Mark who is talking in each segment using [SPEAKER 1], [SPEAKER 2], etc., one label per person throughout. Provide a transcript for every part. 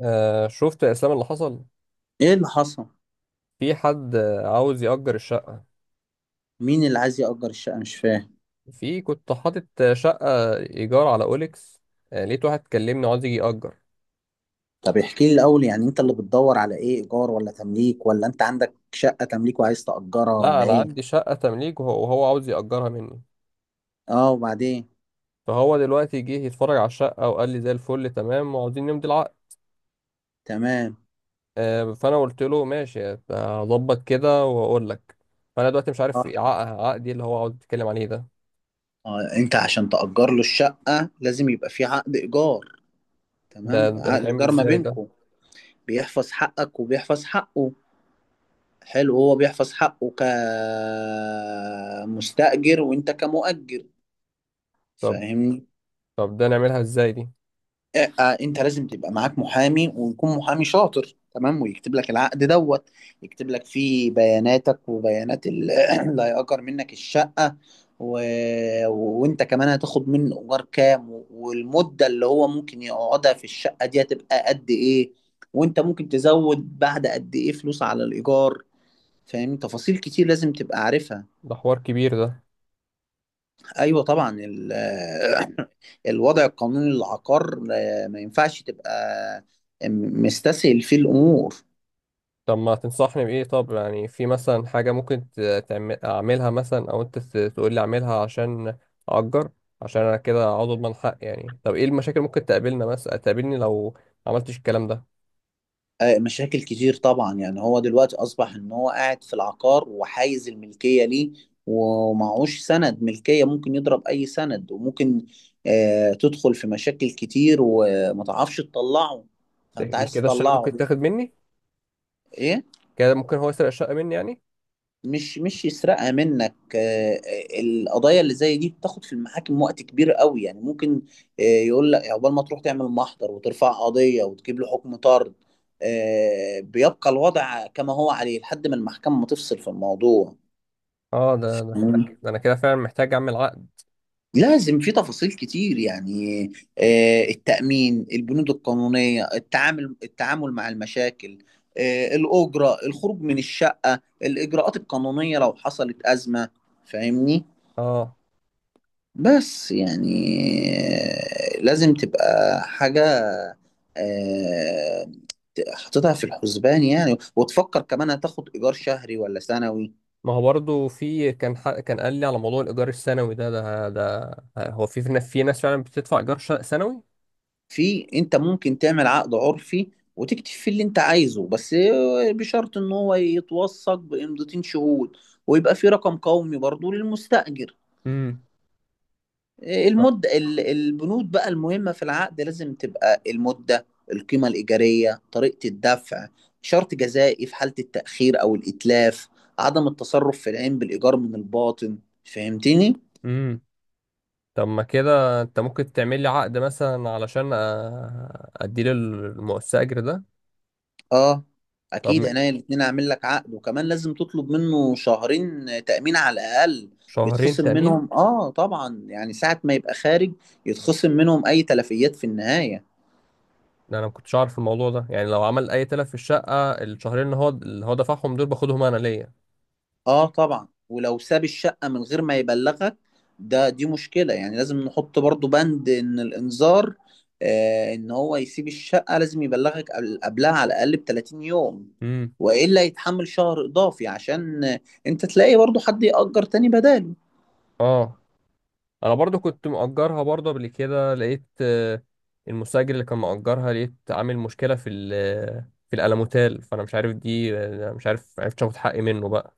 [SPEAKER 1] شفت يا اسلام اللي حصل؟
[SPEAKER 2] ايه اللي حصل؟
[SPEAKER 1] في حد عاوز يأجر الشقة.
[SPEAKER 2] مين اللي عايز يأجر الشقة؟ مش فاهم.
[SPEAKER 1] في كنت حاطط شقة إيجار على أوليكس. لقيت واحد كلمني عاوز يجي يأجر.
[SPEAKER 2] طب احكي لي الاول، يعني انت اللي بتدور على ايه؟ ايجار ولا تمليك؟ ولا انت عندك شقة تمليك وعايز تأجرها؟
[SPEAKER 1] لا،
[SPEAKER 2] ولا
[SPEAKER 1] أنا
[SPEAKER 2] ايه؟
[SPEAKER 1] عندي شقة تمليك وهو عاوز يأجرها مني.
[SPEAKER 2] اه، وبعدين؟
[SPEAKER 1] فهو دلوقتي جه يتفرج على الشقة وقال لي زي الفل، تمام وعاوزين نمضي العقد.
[SPEAKER 2] تمام.
[SPEAKER 1] فأنا قلت له ماشي، هظبط كده وأقول لك. فأنا دلوقتي مش عارف
[SPEAKER 2] اه،
[SPEAKER 1] إيه عقدي اللي هو عاوز يتكلم عليه ده.
[SPEAKER 2] انت عشان تأجر له الشقة لازم يبقى في عقد ايجار.
[SPEAKER 1] ده
[SPEAKER 2] تمام،
[SPEAKER 1] ده
[SPEAKER 2] عقد
[SPEAKER 1] بيتعمل
[SPEAKER 2] ايجار ما
[SPEAKER 1] إزاي ده؟
[SPEAKER 2] بينكم، بيحفظ حقك وبيحفظ حقه. حلو، هو بيحفظ حقه كمستأجر وانت كمؤجر،
[SPEAKER 1] طب
[SPEAKER 2] فاهمني؟
[SPEAKER 1] طب ده نعملها إزاي دي؟
[SPEAKER 2] انت لازم تبقى معاك محامي، ويكون محامي شاطر تمام، ويكتب لك العقد دوت، يكتب لك فيه بياناتك وبيانات اللي هيأجر منك الشقة و... وانت كمان هتاخد منه ايجار كام، والمدة اللي هو ممكن يقعدها في الشقة دي هتبقى قد ايه، وانت ممكن تزود بعد قد ايه فلوس على الايجار. فاهم؟ تفاصيل كتير لازم تبقى عارفها.
[SPEAKER 1] ده حوار كبير ده.
[SPEAKER 2] ايوه طبعا، الوضع القانوني للعقار، ما ينفعش تبقى مستسهل فيه الامور.
[SPEAKER 1] طب ما تنصحني بإيه؟ طب يعني في مثلا حاجة ممكن أعملها مثلا، أو أنت تقول لي أعملها عشان أأجر. عشان أنا كده عاوز أضمن حق يعني. طب إيه المشاكل ممكن تقابلنا مثلا تقابلني لو ما عملتش الكلام ده؟
[SPEAKER 2] مشاكل كتير طبعا، يعني هو دلوقتي اصبح ان هو قاعد في العقار وحايز الملكيه ليه ومعهوش سند ملكيه، ممكن يضرب اي سند، وممكن تدخل في مشاكل كتير وما تعرفش تطلعه، فانت
[SPEAKER 1] دي
[SPEAKER 2] عايز
[SPEAKER 1] كده الشقة
[SPEAKER 2] تطلعه.
[SPEAKER 1] ممكن تاخد مني؟
[SPEAKER 2] ايه؟
[SPEAKER 1] كده ممكن هو يسرق الشقة مني يعني؟
[SPEAKER 2] مش يسرقها منك. القضايا اللي زي دي بتاخد في المحاكم وقت كبير قوي، يعني ممكن، يقول لك عقبال ما تروح تعمل محضر وترفع قضية وتجيب له حكم طرد، بيبقى الوضع كما هو عليه لحد ما المحكمة ما تفصل في الموضوع.
[SPEAKER 1] اه، ده ده احنا
[SPEAKER 2] مم.
[SPEAKER 1] ك- ده أنا كده فعلا محتاج أعمل عقد.
[SPEAKER 2] لازم، في تفاصيل كتير يعني. التأمين، البنود القانونية، التعامل مع المشاكل، الأجرة، الخروج من الشقة، الإجراءات القانونية لو حصلت أزمة. فاهمني؟
[SPEAKER 1] اه.
[SPEAKER 2] بس يعني، لازم تبقى حاجة آه، حاططها في الحسبان، يعني وتفكر كمان هتاخد إيجار شهري ولا سنوي.
[SPEAKER 1] ما هو برضه في كان حق، كان قال لي على موضوع الإيجار السنوي ده هو في ناس فعلا بتدفع إيجار شقة سنوي؟
[SPEAKER 2] في، أنت ممكن تعمل عقد عرفي وتكتب فيه اللي أنت عايزه، بس بشرط إن هو يتوثق بإمضتين شهود، ويبقى في رقم قومي برضو للمستأجر.
[SPEAKER 1] امم.
[SPEAKER 2] المدة، البنود بقى المهمة في العقد لازم تبقى: المدة، القيمة الإيجارية، طريقة الدفع، شرط جزائي في حالة التأخير أو الإتلاف، عدم التصرف في العين بالإيجار من الباطن. فهمتني؟
[SPEAKER 1] امم. طب ما كده انت ممكن تعمل لي عقد مثلا علشان اديله المؤسسة ده.
[SPEAKER 2] آه
[SPEAKER 1] طب
[SPEAKER 2] أكيد،
[SPEAKER 1] م-
[SPEAKER 2] عينيا الاتنين أعمل لك عقد، وكمان لازم تطلب منه شهرين تأمين على الأقل.
[SPEAKER 1] شهرين
[SPEAKER 2] بيتخصم
[SPEAKER 1] تأمين؟
[SPEAKER 2] منهم، آه طبعا، يعني ساعة ما يبقى خارج يتخصم منهم أي تلفيات في النهاية.
[SPEAKER 1] ده انا ما كنتش عارف الموضوع ده يعني. لو عمل اي تلف في الشقة، الشهرين اللي هو دفعهم دول باخدهم انا ليا؟
[SPEAKER 2] اه طبعا، ولو ساب الشقة من غير ما يبلغك ده، دي مشكلة، يعني لازم نحط برضو بند ان الانذار، آه، ان هو يسيب الشقة لازم يبلغك قبلها على الاقل ب 30 يوم،
[SPEAKER 1] امم.
[SPEAKER 2] والا يتحمل شهر اضافي عشان انت تلاقي برضو حد يأجر تاني بداله.
[SPEAKER 1] اه. انا برضو كنت مأجرها، برضو قبل كده لقيت المستأجر اللي كان مأجرها لقيت عامل مشكلة في الألموتال. فانا مش عارف دي، مش عارف عرفت اخد حقي منه بقى.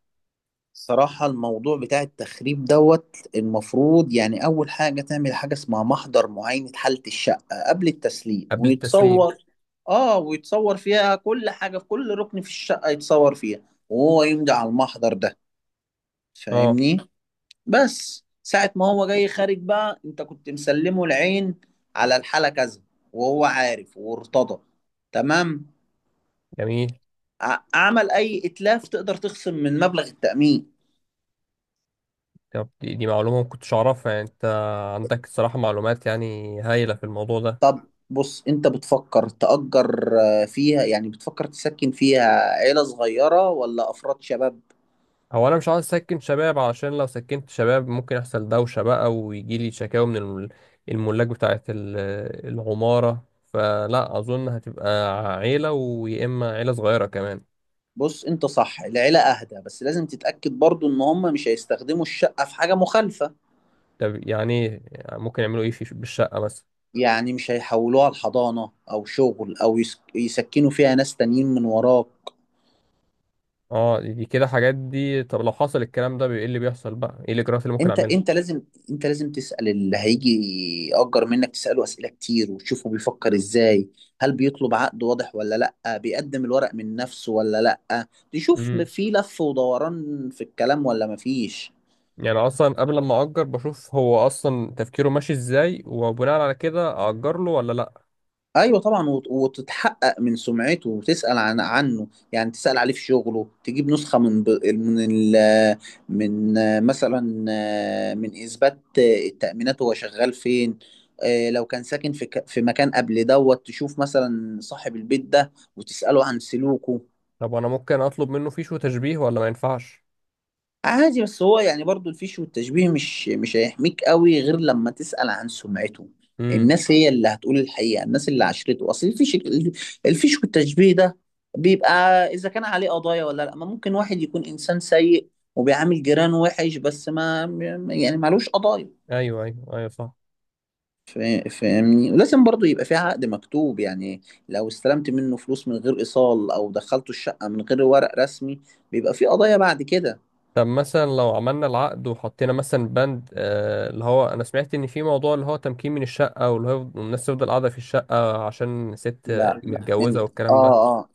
[SPEAKER 2] صراحة الموضوع بتاع التخريب دوت، المفروض يعني أول حاجة تعمل حاجة اسمها محضر معاينة حالة الشقة قبل التسليم،
[SPEAKER 1] قبل التسليم.
[SPEAKER 2] ويتصور، آه، ويتصور فيها كل حاجة، في كل ركن في الشقة يتصور فيها، وهو يمضي على المحضر ده.
[SPEAKER 1] اه.
[SPEAKER 2] فاهمني؟ بس ساعة ما هو جاي خارج بقى، أنت كنت مسلمه العين على الحالة كذا، وهو عارف وارتضى. تمام؟
[SPEAKER 1] جميل.
[SPEAKER 2] عمل أي إتلاف، تقدر تخصم من مبلغ التأمين.
[SPEAKER 1] طب دي معلومة ما كنتش أعرفها يعني. أنت عندك الصراحة معلومات يعني هايلة في الموضوع ده.
[SPEAKER 2] طب بص، انت بتفكر تأجر، آه، فيها يعني بتفكر تسكن فيها عيلة صغيرة ولا أفراد شباب؟
[SPEAKER 1] هو أنا مش عاوز أسكن شباب، علشان لو سكنت شباب ممكن يحصل دوشة بقى، ويجي لي شكاوى من الملاك بتاعة العمارة، فلا أظن هتبقى عيلة، ويا إما عيلة صغيرة كمان.
[SPEAKER 2] بص، انت صح، العيلة أهدى، بس لازم تتأكد برضو ان هم مش هيستخدموا الشقة في حاجة مخالفة.
[SPEAKER 1] طب يعني إيه؟ يعني ممكن يعملوا إيه في بالشقة مثلا؟
[SPEAKER 2] يعني مش هيحولوها لحضانة أو شغل، أو يسكنوا فيها ناس تانيين من وراك.
[SPEAKER 1] اه، دي كده حاجات دي. طب لو حصل الكلام ده ايه اللي بيحصل بقى؟ ايه الاجراءات اللي ممكن
[SPEAKER 2] انت انت لازم انت لازم تسأل اللي هيجي يأجر منك، تسأله أسئلة كتير وتشوفه بيفكر ازاي. هل بيطلب عقد واضح، ولا لأ؟ بيقدم الورق من نفسه، ولا لأ؟ تشوف
[SPEAKER 1] اعملها؟
[SPEAKER 2] في لف ودوران في الكلام، ولا مفيش.
[SPEAKER 1] يعني اصلا قبل ما اجر بشوف هو اصلا تفكيره ماشي ازاي، وبناء على كده اجر له ولا لا.
[SPEAKER 2] ايوه طبعا، وتتحقق من سمعته وتسال عنه. يعني تسال عليه في شغله، تجيب نسخه من مثلا، من اثبات، التامينات هو شغال فين. لو كان ساكن في في مكان قبل دوت، تشوف مثلا صاحب البيت ده وتساله عن سلوكه.
[SPEAKER 1] طب انا ممكن اطلب منه فيش وتشبيه ولا ما ينفعش؟
[SPEAKER 2] عادي، بس هو يعني برضو الفيش والتشبيه مش هيحميك قوي غير لما تسأل عن سمعته.
[SPEAKER 1] امم.
[SPEAKER 2] الناس هي اللي هتقول الحقيقة، الناس اللي عشرته. أصل الفيش، الفيش والتشبيه ده بيبقى إذا كان عليه قضايا ولا لأ. ما ممكن واحد يكون إنسان سيء وبيعامل جيرانه وحش، بس ما يعني معلوش قضايا.
[SPEAKER 1] ايوه، ايوه، ايوه، صح.
[SPEAKER 2] فاهمني؟ ولازم برضو يبقى في عقد مكتوب يعني، لو استلمت منه فلوس من غير إيصال، أو دخلته الشقة من غير ورق رسمي، بيبقى في قضايا بعد كده.
[SPEAKER 1] طب مثلا لو عملنا العقد وحطينا مثلا بند اللي هو انا سمعت ان في موضوع اللي هو تمكين من الشقه، واللي هو الناس تفضل قاعده في الشقه عشان ست
[SPEAKER 2] لا
[SPEAKER 1] متجوزه
[SPEAKER 2] انت،
[SPEAKER 1] والكلام
[SPEAKER 2] اه،
[SPEAKER 1] ده.
[SPEAKER 2] اه،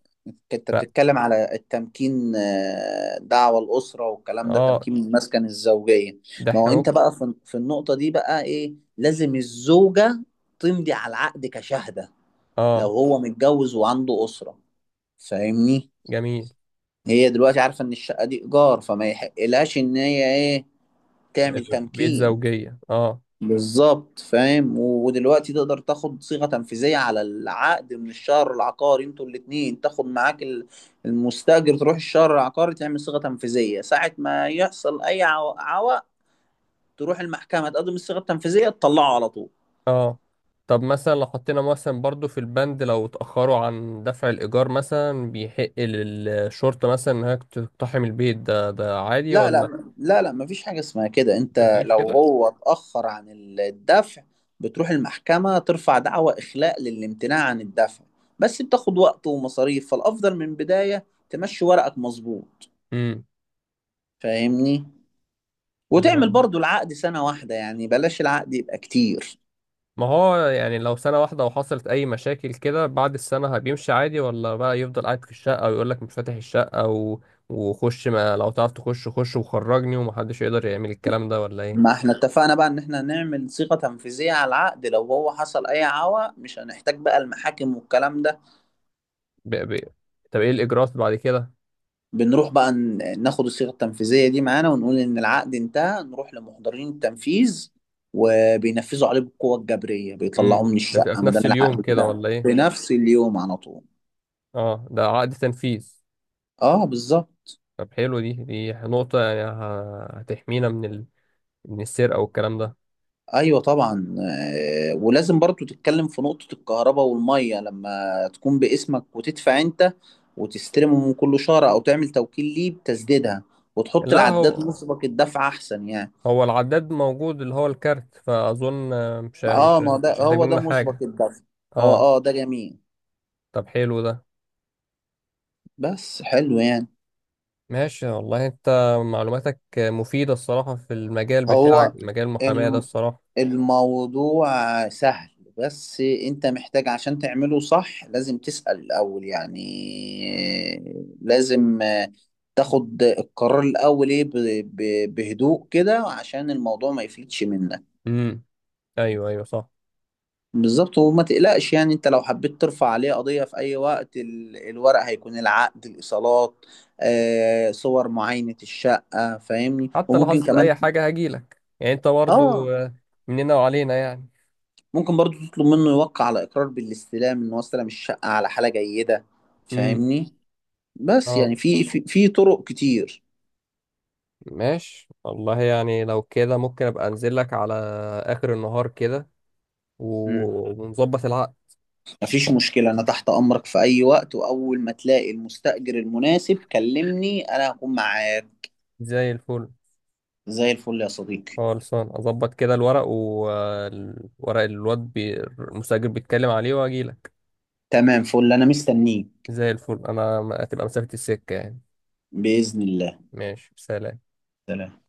[SPEAKER 2] انت
[SPEAKER 1] ف
[SPEAKER 2] بتتكلم على التمكين، آه، دعوة الأسرة والكلام ده،
[SPEAKER 1] اه.
[SPEAKER 2] تمكين المسكن الزوجية.
[SPEAKER 1] ده
[SPEAKER 2] ما
[SPEAKER 1] احنا
[SPEAKER 2] هو انت
[SPEAKER 1] ممكن.
[SPEAKER 2] بقى في، النقطة دي بقى ايه، لازم الزوجة تمضي على العقد كشهادة، لو
[SPEAKER 1] اه.
[SPEAKER 2] هو متجوز وعنده أسرة، فاهمني؟
[SPEAKER 1] جميل.
[SPEAKER 2] هي دلوقتي عارفة ان الشقة دي إيجار، فما يحقلهاش ان هي ايه،
[SPEAKER 1] آه،
[SPEAKER 2] تعمل
[SPEAKER 1] بيت
[SPEAKER 2] تمكين.
[SPEAKER 1] زوجيه. اه.
[SPEAKER 2] بالظبط، فاهم، ودلوقتي تقدر تاخد صيغة تنفيذية على العقد من الشهر العقاري، انتوا الاتنين تاخد معاك المستأجر، تروح الشهر العقاري تعمل صيغة تنفيذية، ساعة ما يحصل أي عوق، تروح المحكمة تقدم الصيغة التنفيذية تطلعه على طول.
[SPEAKER 1] اه. طب مثلا لو حطينا مثلا برضو في البند لو اتأخروا عن دفع الإيجار مثلا، بيحق للشرطة مثلا إنها تقتحم البيت ده؟ ده عادي
[SPEAKER 2] لا
[SPEAKER 1] ولا؟
[SPEAKER 2] لا لا لا مفيش حاجة اسمها كده. انت
[SPEAKER 1] مفيش
[SPEAKER 2] لو
[SPEAKER 1] كده؟
[SPEAKER 2] هو اتأخر عن الدفع، بتروح المحكمة ترفع دعوى إخلاء للامتناع عن الدفع، بس بتاخد وقت ومصاريف، فالأفضل من بداية تمشي ورقك مظبوط.
[SPEAKER 1] امم.
[SPEAKER 2] فاهمني؟
[SPEAKER 1] دي
[SPEAKER 2] وتعمل
[SPEAKER 1] بقى.
[SPEAKER 2] برضو العقد سنة واحدة، يعني بلاش العقد يبقى كتير.
[SPEAKER 1] ما هو يعني لو سنة واحدة وحصلت أي مشاكل كده بعد السنة بيمشي عادي، ولا بقى يفضل قاعد في الشقة ويقول لك مش فاتح الشقة وخش؟ ما لو تعرف تخش، خش وخرجني ومحدش يقدر يعمل الكلام ده ولا
[SPEAKER 2] ما
[SPEAKER 1] إيه؟
[SPEAKER 2] احنا اتفقنا بقى ان احنا نعمل صيغة تنفيذية على العقد، لو هو حصل اي عوى مش هنحتاج بقى المحاكم والكلام ده.
[SPEAKER 1] ب... ب... طب إيه الإجراءات بعد كده؟
[SPEAKER 2] بنروح بقى ناخد الصيغة التنفيذية دي معانا ونقول ان العقد انتهى، نروح لمحضرين التنفيذ وبينفذوا عليه بالقوة الجبرية، بيطلعوه
[SPEAKER 1] امم.
[SPEAKER 2] من
[SPEAKER 1] ده بتبقى
[SPEAKER 2] الشقة
[SPEAKER 1] في
[SPEAKER 2] ما
[SPEAKER 1] نفس
[SPEAKER 2] دام
[SPEAKER 1] اليوم
[SPEAKER 2] العقد
[SPEAKER 1] كده
[SPEAKER 2] انتهى،
[SPEAKER 1] ولا
[SPEAKER 2] في
[SPEAKER 1] إيه؟
[SPEAKER 2] نفس اليوم على طول.
[SPEAKER 1] اه، ده عقد تنفيذ.
[SPEAKER 2] اه بالظبط.
[SPEAKER 1] طب حلو، دي دي نقطة يعني هتحمينا من السرقة والكلام ده.
[SPEAKER 2] ايوه طبعا، ولازم برضو تتكلم في نقطة الكهرباء والمية، لما تكون باسمك وتدفع انت وتستلمهم كل شهر، او تعمل توكيل ليه بتسديدها، وتحط
[SPEAKER 1] لا،
[SPEAKER 2] العداد
[SPEAKER 1] هو
[SPEAKER 2] مسبق الدفع احسن يعني.
[SPEAKER 1] هو العداد موجود اللي هو الكارت، فأظن
[SPEAKER 2] اه، ما ده
[SPEAKER 1] مش هيحتاج
[SPEAKER 2] هو ده
[SPEAKER 1] مننا
[SPEAKER 2] مسبق
[SPEAKER 1] حاجة.
[SPEAKER 2] الدفع. هو
[SPEAKER 1] اه.
[SPEAKER 2] اه، ده جميل.
[SPEAKER 1] طب حلو ده.
[SPEAKER 2] بس حلو يعني.
[SPEAKER 1] ماشي والله، انت معلوماتك مفيدة الصراحة في المجال بتاعك،
[SPEAKER 2] هو
[SPEAKER 1] مجال المحاماة ده
[SPEAKER 2] الم-
[SPEAKER 1] الصراحة.
[SPEAKER 2] الموضوع سهل، بس انت محتاج عشان تعمله صح لازم تسأل الأول، يعني لازم تاخد القرار الأول ايه بهدوء كده عشان الموضوع ما يفلتش منك.
[SPEAKER 1] امم. ايوه، ايوه، صح.
[SPEAKER 2] بالظبط، وما تقلقش يعني، انت لو حبيت ترفع عليه قضية في أي وقت، الورق هيكون العقد، الإيصالات، صور معاينة الشقة، فاهمني،
[SPEAKER 1] حتى لو
[SPEAKER 2] وممكن
[SPEAKER 1] حصلت اي
[SPEAKER 2] كمان،
[SPEAKER 1] حاجة هجيلك يعني انت برضو
[SPEAKER 2] اه،
[SPEAKER 1] مننا وعلينا يعني.
[SPEAKER 2] ممكن برضو تطلب منه يوقع على إقرار بالاستلام إن هو استلم الشقة على حالة جيدة.
[SPEAKER 1] امم.
[SPEAKER 2] فاهمني؟ بس يعني
[SPEAKER 1] اه.
[SPEAKER 2] في، في، في طرق كتير.
[SPEAKER 1] ماشي والله، يعني لو كده ممكن ابقى انزل لك على اخر النهار كده
[SPEAKER 2] مم.
[SPEAKER 1] ونظبط العقد.
[SPEAKER 2] مفيش مشكلة، أنا تحت أمرك في أي وقت، وأول ما تلاقي المستأجر المناسب كلمني، أنا هكون معاك.
[SPEAKER 1] زي الفل.
[SPEAKER 2] زي الفل يا صديقي.
[SPEAKER 1] خالصان، اظبط كده الورق المستأجر بيتكلم عليه واجي لك.
[SPEAKER 2] تمام، فل، أنا مستنيك.
[SPEAKER 1] زي الفل، انا هتبقى مسافة السكة يعني.
[SPEAKER 2] بإذن الله.
[SPEAKER 1] ماشي، سلام.
[SPEAKER 2] سلام.